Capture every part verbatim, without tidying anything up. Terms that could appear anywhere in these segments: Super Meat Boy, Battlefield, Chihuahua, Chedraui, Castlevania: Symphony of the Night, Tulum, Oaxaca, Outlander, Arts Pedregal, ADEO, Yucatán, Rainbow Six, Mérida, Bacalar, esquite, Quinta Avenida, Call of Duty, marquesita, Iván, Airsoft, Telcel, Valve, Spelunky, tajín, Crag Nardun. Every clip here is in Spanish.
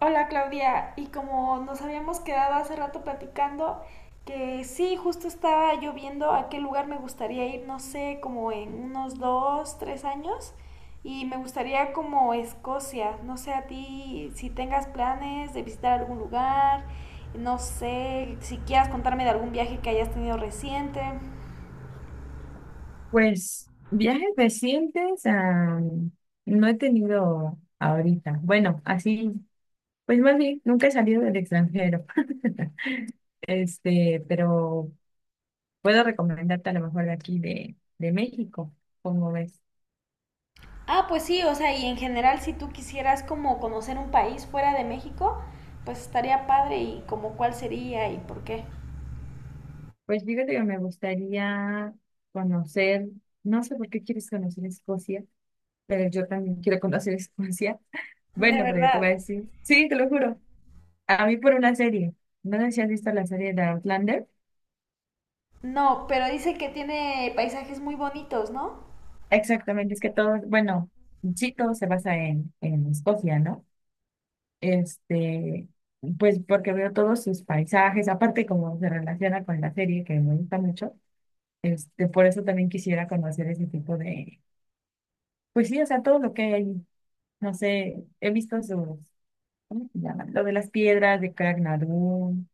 Hola Claudia, y como nos habíamos quedado hace rato platicando, que sí, justo estaba yo viendo a qué lugar me gustaría ir, no sé, como en unos dos, tres años, y me gustaría como Escocia, no sé a ti si tengas planes de visitar algún lugar, no sé si quieras contarme de algún viaje que hayas tenido reciente. Pues viajes recientes, ah, no he tenido ahorita. Bueno, así, pues más bien, nunca he salido del extranjero. Este, pero puedo recomendarte a lo mejor de aquí de, de México, como ves. Ah, pues sí, o sea, y en general si tú quisieras como conocer un país fuera de México, pues estaría padre y como cuál sería y por qué. Pues fíjate que me gustaría conocer, no sé por qué quieres conocer Escocia, pero yo también quiero conocer Escocia. De Bueno, pero yo te verdad. voy a decir, sí, te lo juro, a mí por una serie. No sé si has visto la serie de Outlander. No, pero dice que tiene paisajes muy bonitos, ¿no? Exactamente, es que todo, bueno, sí, todo se basa en, en Escocia, ¿no? Este, pues porque veo todos sus paisajes, aparte como se relaciona con la serie que me gusta mucho, este, por eso también quisiera conocer ese tipo de, pues sí, o sea, todo lo que hay ahí, no sé, he visto sus, ¿cómo se llama? Lo de las piedras de Crag Nardun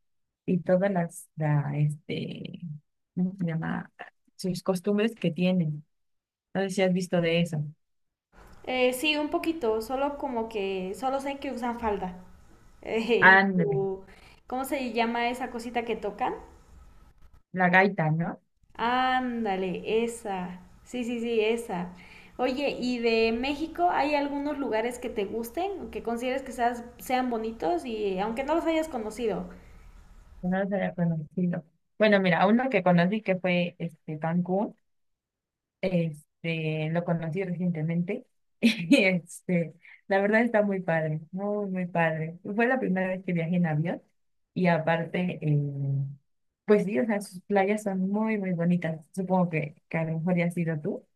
y todas las, la, este, ¿cómo se llama? Sus costumbres que tienen, no sé si has visto de eso. Eh, sí, un poquito, solo como que, solo sé que usan falda. Eh, y Ándale. su- ¿Cómo se llama esa cosita que tocan? La gaita, ¿no? Ándale, esa. Sí, sí, sí, esa. Oye, ¿y de México hay algunos lugares que te gusten, que consideres que seas- sean bonitos y aunque no los hayas conocido? Yo no los había conocido. Bueno, mira, uno que conocí que fue este Cancún, este, lo conocí recientemente. Y este, la verdad está muy padre, muy, muy padre. Fue la primera vez que viajé en avión. Y aparte, eh, pues sí, o sea, sus playas son muy, muy bonitas. Supongo que, que a lo mejor ya has ido tú.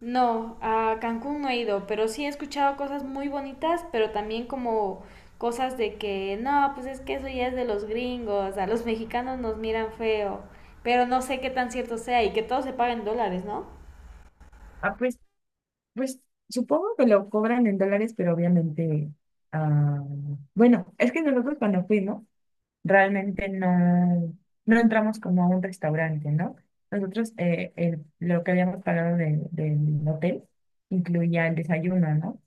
No, a Cancún no he ido, pero sí he escuchado cosas muy bonitas, pero también como cosas de que no, pues es que eso ya es de los gringos, a los mexicanos nos miran feo, pero no sé qué tan cierto sea y que todo se paga en dólares, ¿no? Ah, pues, pues supongo que lo cobran en dólares, pero obviamente, ah, bueno, es que nosotros cuando fuimos realmente no, no entramos como a un restaurante, ¿no? Nosotros eh, el- lo que habíamos pagado de- del hotel incluía el desayuno, ¿no?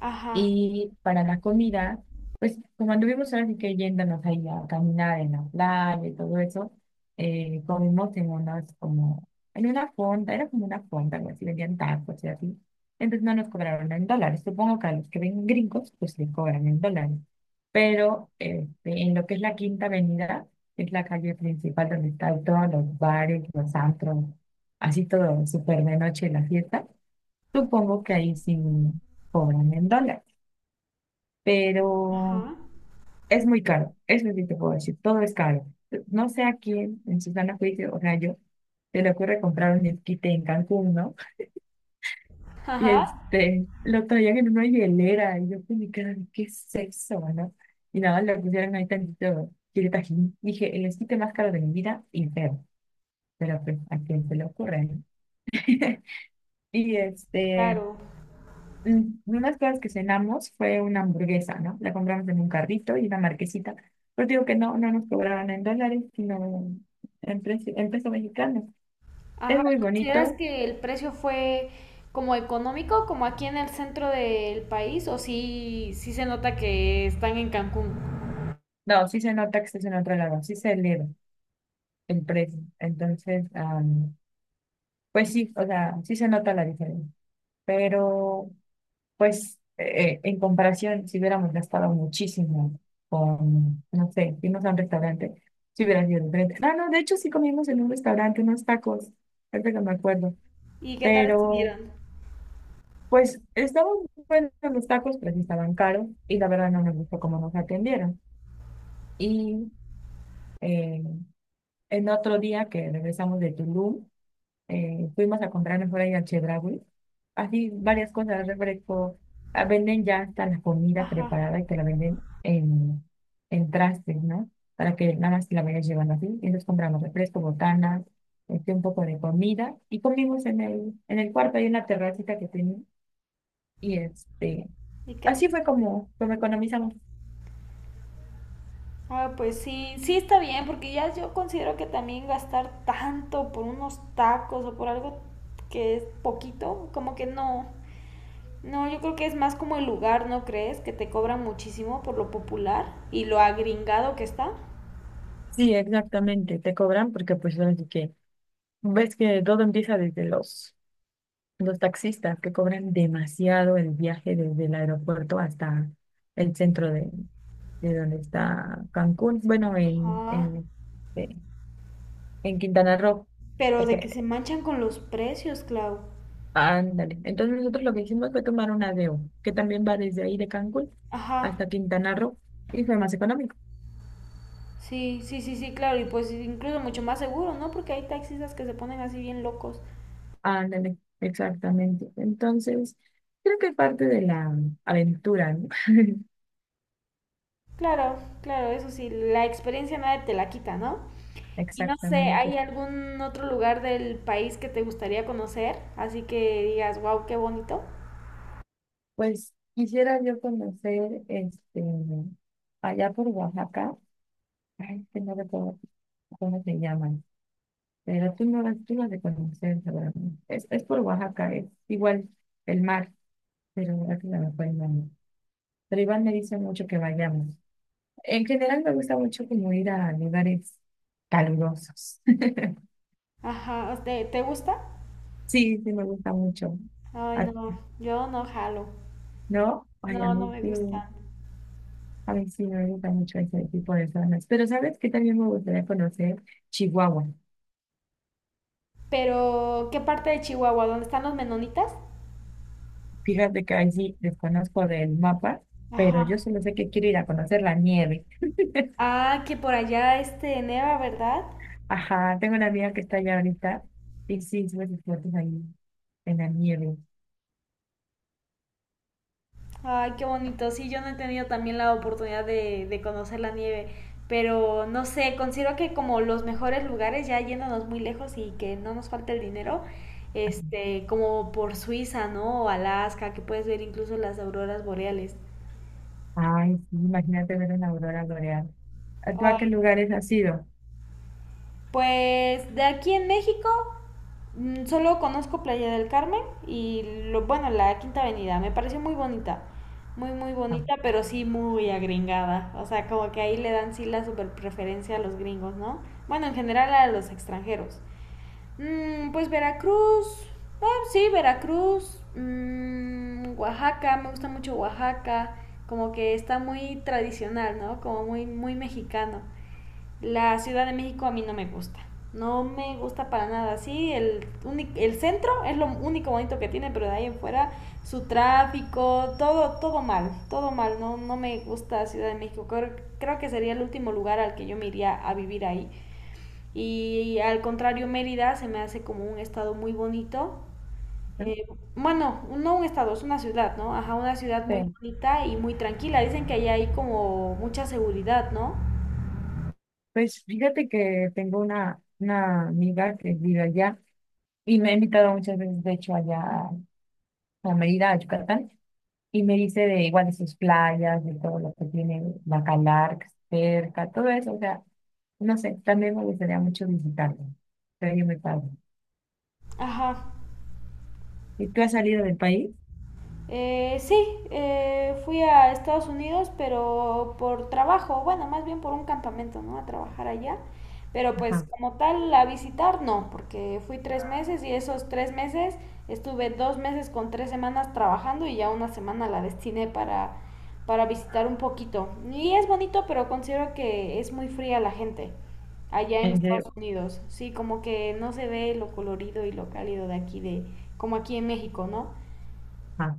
Ajá, Y para la comida, pues como anduvimos ahora sí que yéndonos ahí a caminar en la playa y todo eso, eh, comimos en unas como, en una fonda, era como una fonda, algo así, vendían tacos y así. Entonces no nos cobraron en dólares. Supongo que a los que ven gringos, pues les cobran en dólares. Pero este, en lo que es la Quinta Avenida, que es la calle principal donde están todos los bares, los antros, así todo súper de noche la fiesta, supongo que ahí sí cobran en dólares, ajá, pero es muy caro, eso sí te puedo decir, todo es caro. No sé a quién en su sano juicio, o sea, yo, se le ocurre comprar un esquite en Cancún, ¿no? Y ajá, este, lo traían en una hielera, y yo pues me quedaba, ¿qué es eso, no? Y nada, le pusieron ahí tantito chile Tajín. Dije, el esquite más caro de mi vida, y feo, pero pues, a quién se le ocurre, ¿no? Y este, claro. mm, unas cosas que cenamos fue una hamburguesa, ¿no? La compramos en un carrito y una marquesita. Pero digo que no, no nos cobraban en dólares, sino en, precio- en peso mexicano. Ajá, Es muy ¿y consideras bonito. que el precio fue como económico, como aquí en el centro del país, o sí, sí se nota que están en Cancún? No, sí se nota que estás en otro lado, sí se eleva el precio. Entonces, am, pues sí, o sea, sí se nota la diferencia. Pero pues eh, en comparación, si hubiéramos gastado muchísimo con, no sé, irnos a un restaurante, si hubiera sido diferente. Ah, no, de hecho sí comimos en un restaurante unos tacos, ahorita que me acuerdo. ¿Y qué tal Pero estuvieron? pues estaban buenos los tacos, pero sí estaban caros y la verdad no nos gustó cómo nos atendieron. Y eh, en otro día que regresamos de Tulum, eh, fuimos a comprar mejor ahí al Chedraui. Así varias cosas, refresco. Ah, venden ya hasta la comida Ajá, preparada y te la venden en, en, trastes, ¿no? Para que nada más la vayas llevando así. Y entonces compramos refresco, botanas, este, un poco de comida. Y comimos en el, en el cuarto, hay una terracita que tenía. Y este, ¿y qué? así fue como, como economizamos. Ah, pues sí, sí está bien, porque ya yo considero que también gastar tanto por unos tacos o por algo que es poquito, como que no. No, yo creo que es más como el lugar, ¿no crees? Que te cobran muchísimo por lo popular y lo agringado que está. Sí, exactamente, te cobran porque pues así que ves que todo empieza desde los Los taxistas que cobran demasiado el viaje desde el aeropuerto hasta el centro de, de donde está Cancún, bueno, en, Ah, en, eh, en Quintana Roo, pero de que porque, se manchan con los precios, Clau. ándale. Entonces nosotros lo que hicimos fue tomar un A D E O que también va desde ahí de Cancún Ajá, hasta Quintana Roo, y fue más económico. sí, sí, sí, sí, claro, y pues incluso mucho más seguro, ¿no? Porque hay taxistas que se ponen así bien locos. Ándale, exactamente. Entonces, creo que es parte de la aventura, ¿no? Claro, claro, eso sí, la experiencia nadie te la quita, ¿no? Y no sé, Exactamente. ¿hay algún otro lugar del país que te gustaría conocer? Así que digas, wow, qué bonito. Pues quisiera yo conocer, este, allá por Oaxaca, ay, que no recuerdo cómo se llaman, pero tú no las, tú las de conocer, seguramente. Es, es por Oaxaca, es igual el mar, pero ahora que se me fue el nombre. Pero Iván me dice mucho que vayamos. En general me gusta mucho como ir a lugares calurosos. Ajá, ¿te, te gusta? Sí, sí me gusta mucho. Ay, A- no, yo no jalo. ¿No? Ay, a No, no mí me sí. gustan. Ay, sí, me gusta mucho ese tipo de zonas. Pero ¿sabes qué también me gustaría conocer? Chihuahua. Pero ¿qué parte de Chihuahua? ¿Dónde están los menonitas? Fíjate que ahí sí desconozco del mapa, pero yo Ajá. solo sé que quiero ir a conocer la nieve. Ah, que por allá este neva, ¿verdad? Ajá, tengo una amiga que está allá ahorita y sí, sube sus fotos ahí en la nieve. Ay, qué bonito. Sí, yo no he tenido también la oportunidad de, de conocer la nieve, pero no sé, considero que como los mejores lugares, ya yéndonos muy lejos y que no nos falte el dinero, este, como por Suiza, ¿no? O Alaska, que puedes ver incluso las auroras boreales. Ay, sí, imagínate ver una aurora boreal. ¿A ¿Tú a qué Ay, lugares has ido? pues de aquí en México, mm, solo conozco Playa del Carmen y lo, bueno, la Quinta Avenida. Me pareció muy bonita. Muy, muy Ah, bonita, pero sí muy agringada. O sea, como que ahí le dan sí la super preferencia a los gringos, ¿no? Bueno, en general a los extranjeros. Mm, pues Veracruz. Ah, sí, Veracruz. Mm, Oaxaca, me gusta mucho Oaxaca. Como que está muy tradicional, ¿no? Como muy, muy mexicano. La Ciudad de México a mí no me gusta. No me gusta para nada. Sí, el, uni- el centro es lo único bonito que tiene, pero de ahí en fuera su tráfico, todo, todo mal, todo mal. No, no me gusta Ciudad de México. Creo, creo que sería el último lugar al que yo me iría a vivir ahí. Y al contrario, Mérida se me hace como un estado muy bonito. Eh, bueno, no un estado, es una ciudad, ¿no? Ajá, una ciudad muy sí. bonita y muy tranquila. Dicen que allá hay como mucha seguridad, ¿no? Pues fíjate que tengo una, una amiga que vive allá y me ha invitado muchas veces, de hecho, allá a Mérida, a Yucatán, y me dice de igual de sus playas, de todo lo que tiene Bacalar cerca, todo eso, o sea, no sé, también me gustaría mucho visitarlo, sería muy padre. Ajá. ¿Y tú has salido del país? Eh, sí, eh, fui a Estados Unidos, pero por trabajo, bueno, más bien por un campamento, ¿no? A trabajar allá. Pero pues Ajá, como tal, a visitar no, porque fui tres meses y esos tres meses estuve dos meses con tres semanas trabajando y ya una semana la destiné para, para visitar un poquito. Y es bonito, pero considero que es muy fría la gente allá en en Estados serio, Unidos. Sí, como que no se ve lo colorido y lo cálido de aquí, de como aquí en México, ¿no? ajá.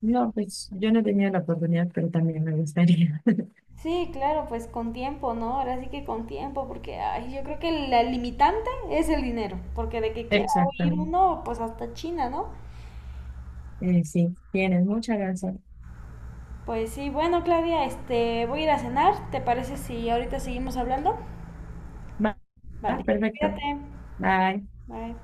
No, pues yo no tenía la oportunidad, pero también me gustaría. Sí, claro, pues con tiempo, ¿no? Ahora sí que con tiempo, porque ay, yo creo que la limitante es el dinero, porque de que quiera ir Exactamente. uno, pues hasta China, ¿no? Eh, sí, tienes mucha razón. Pues sí, bueno, Claudia, este, voy a ir a cenar, ¿te parece si ahorita seguimos hablando? Va, va, Vale, perfecto. cuídate, Bye. bye.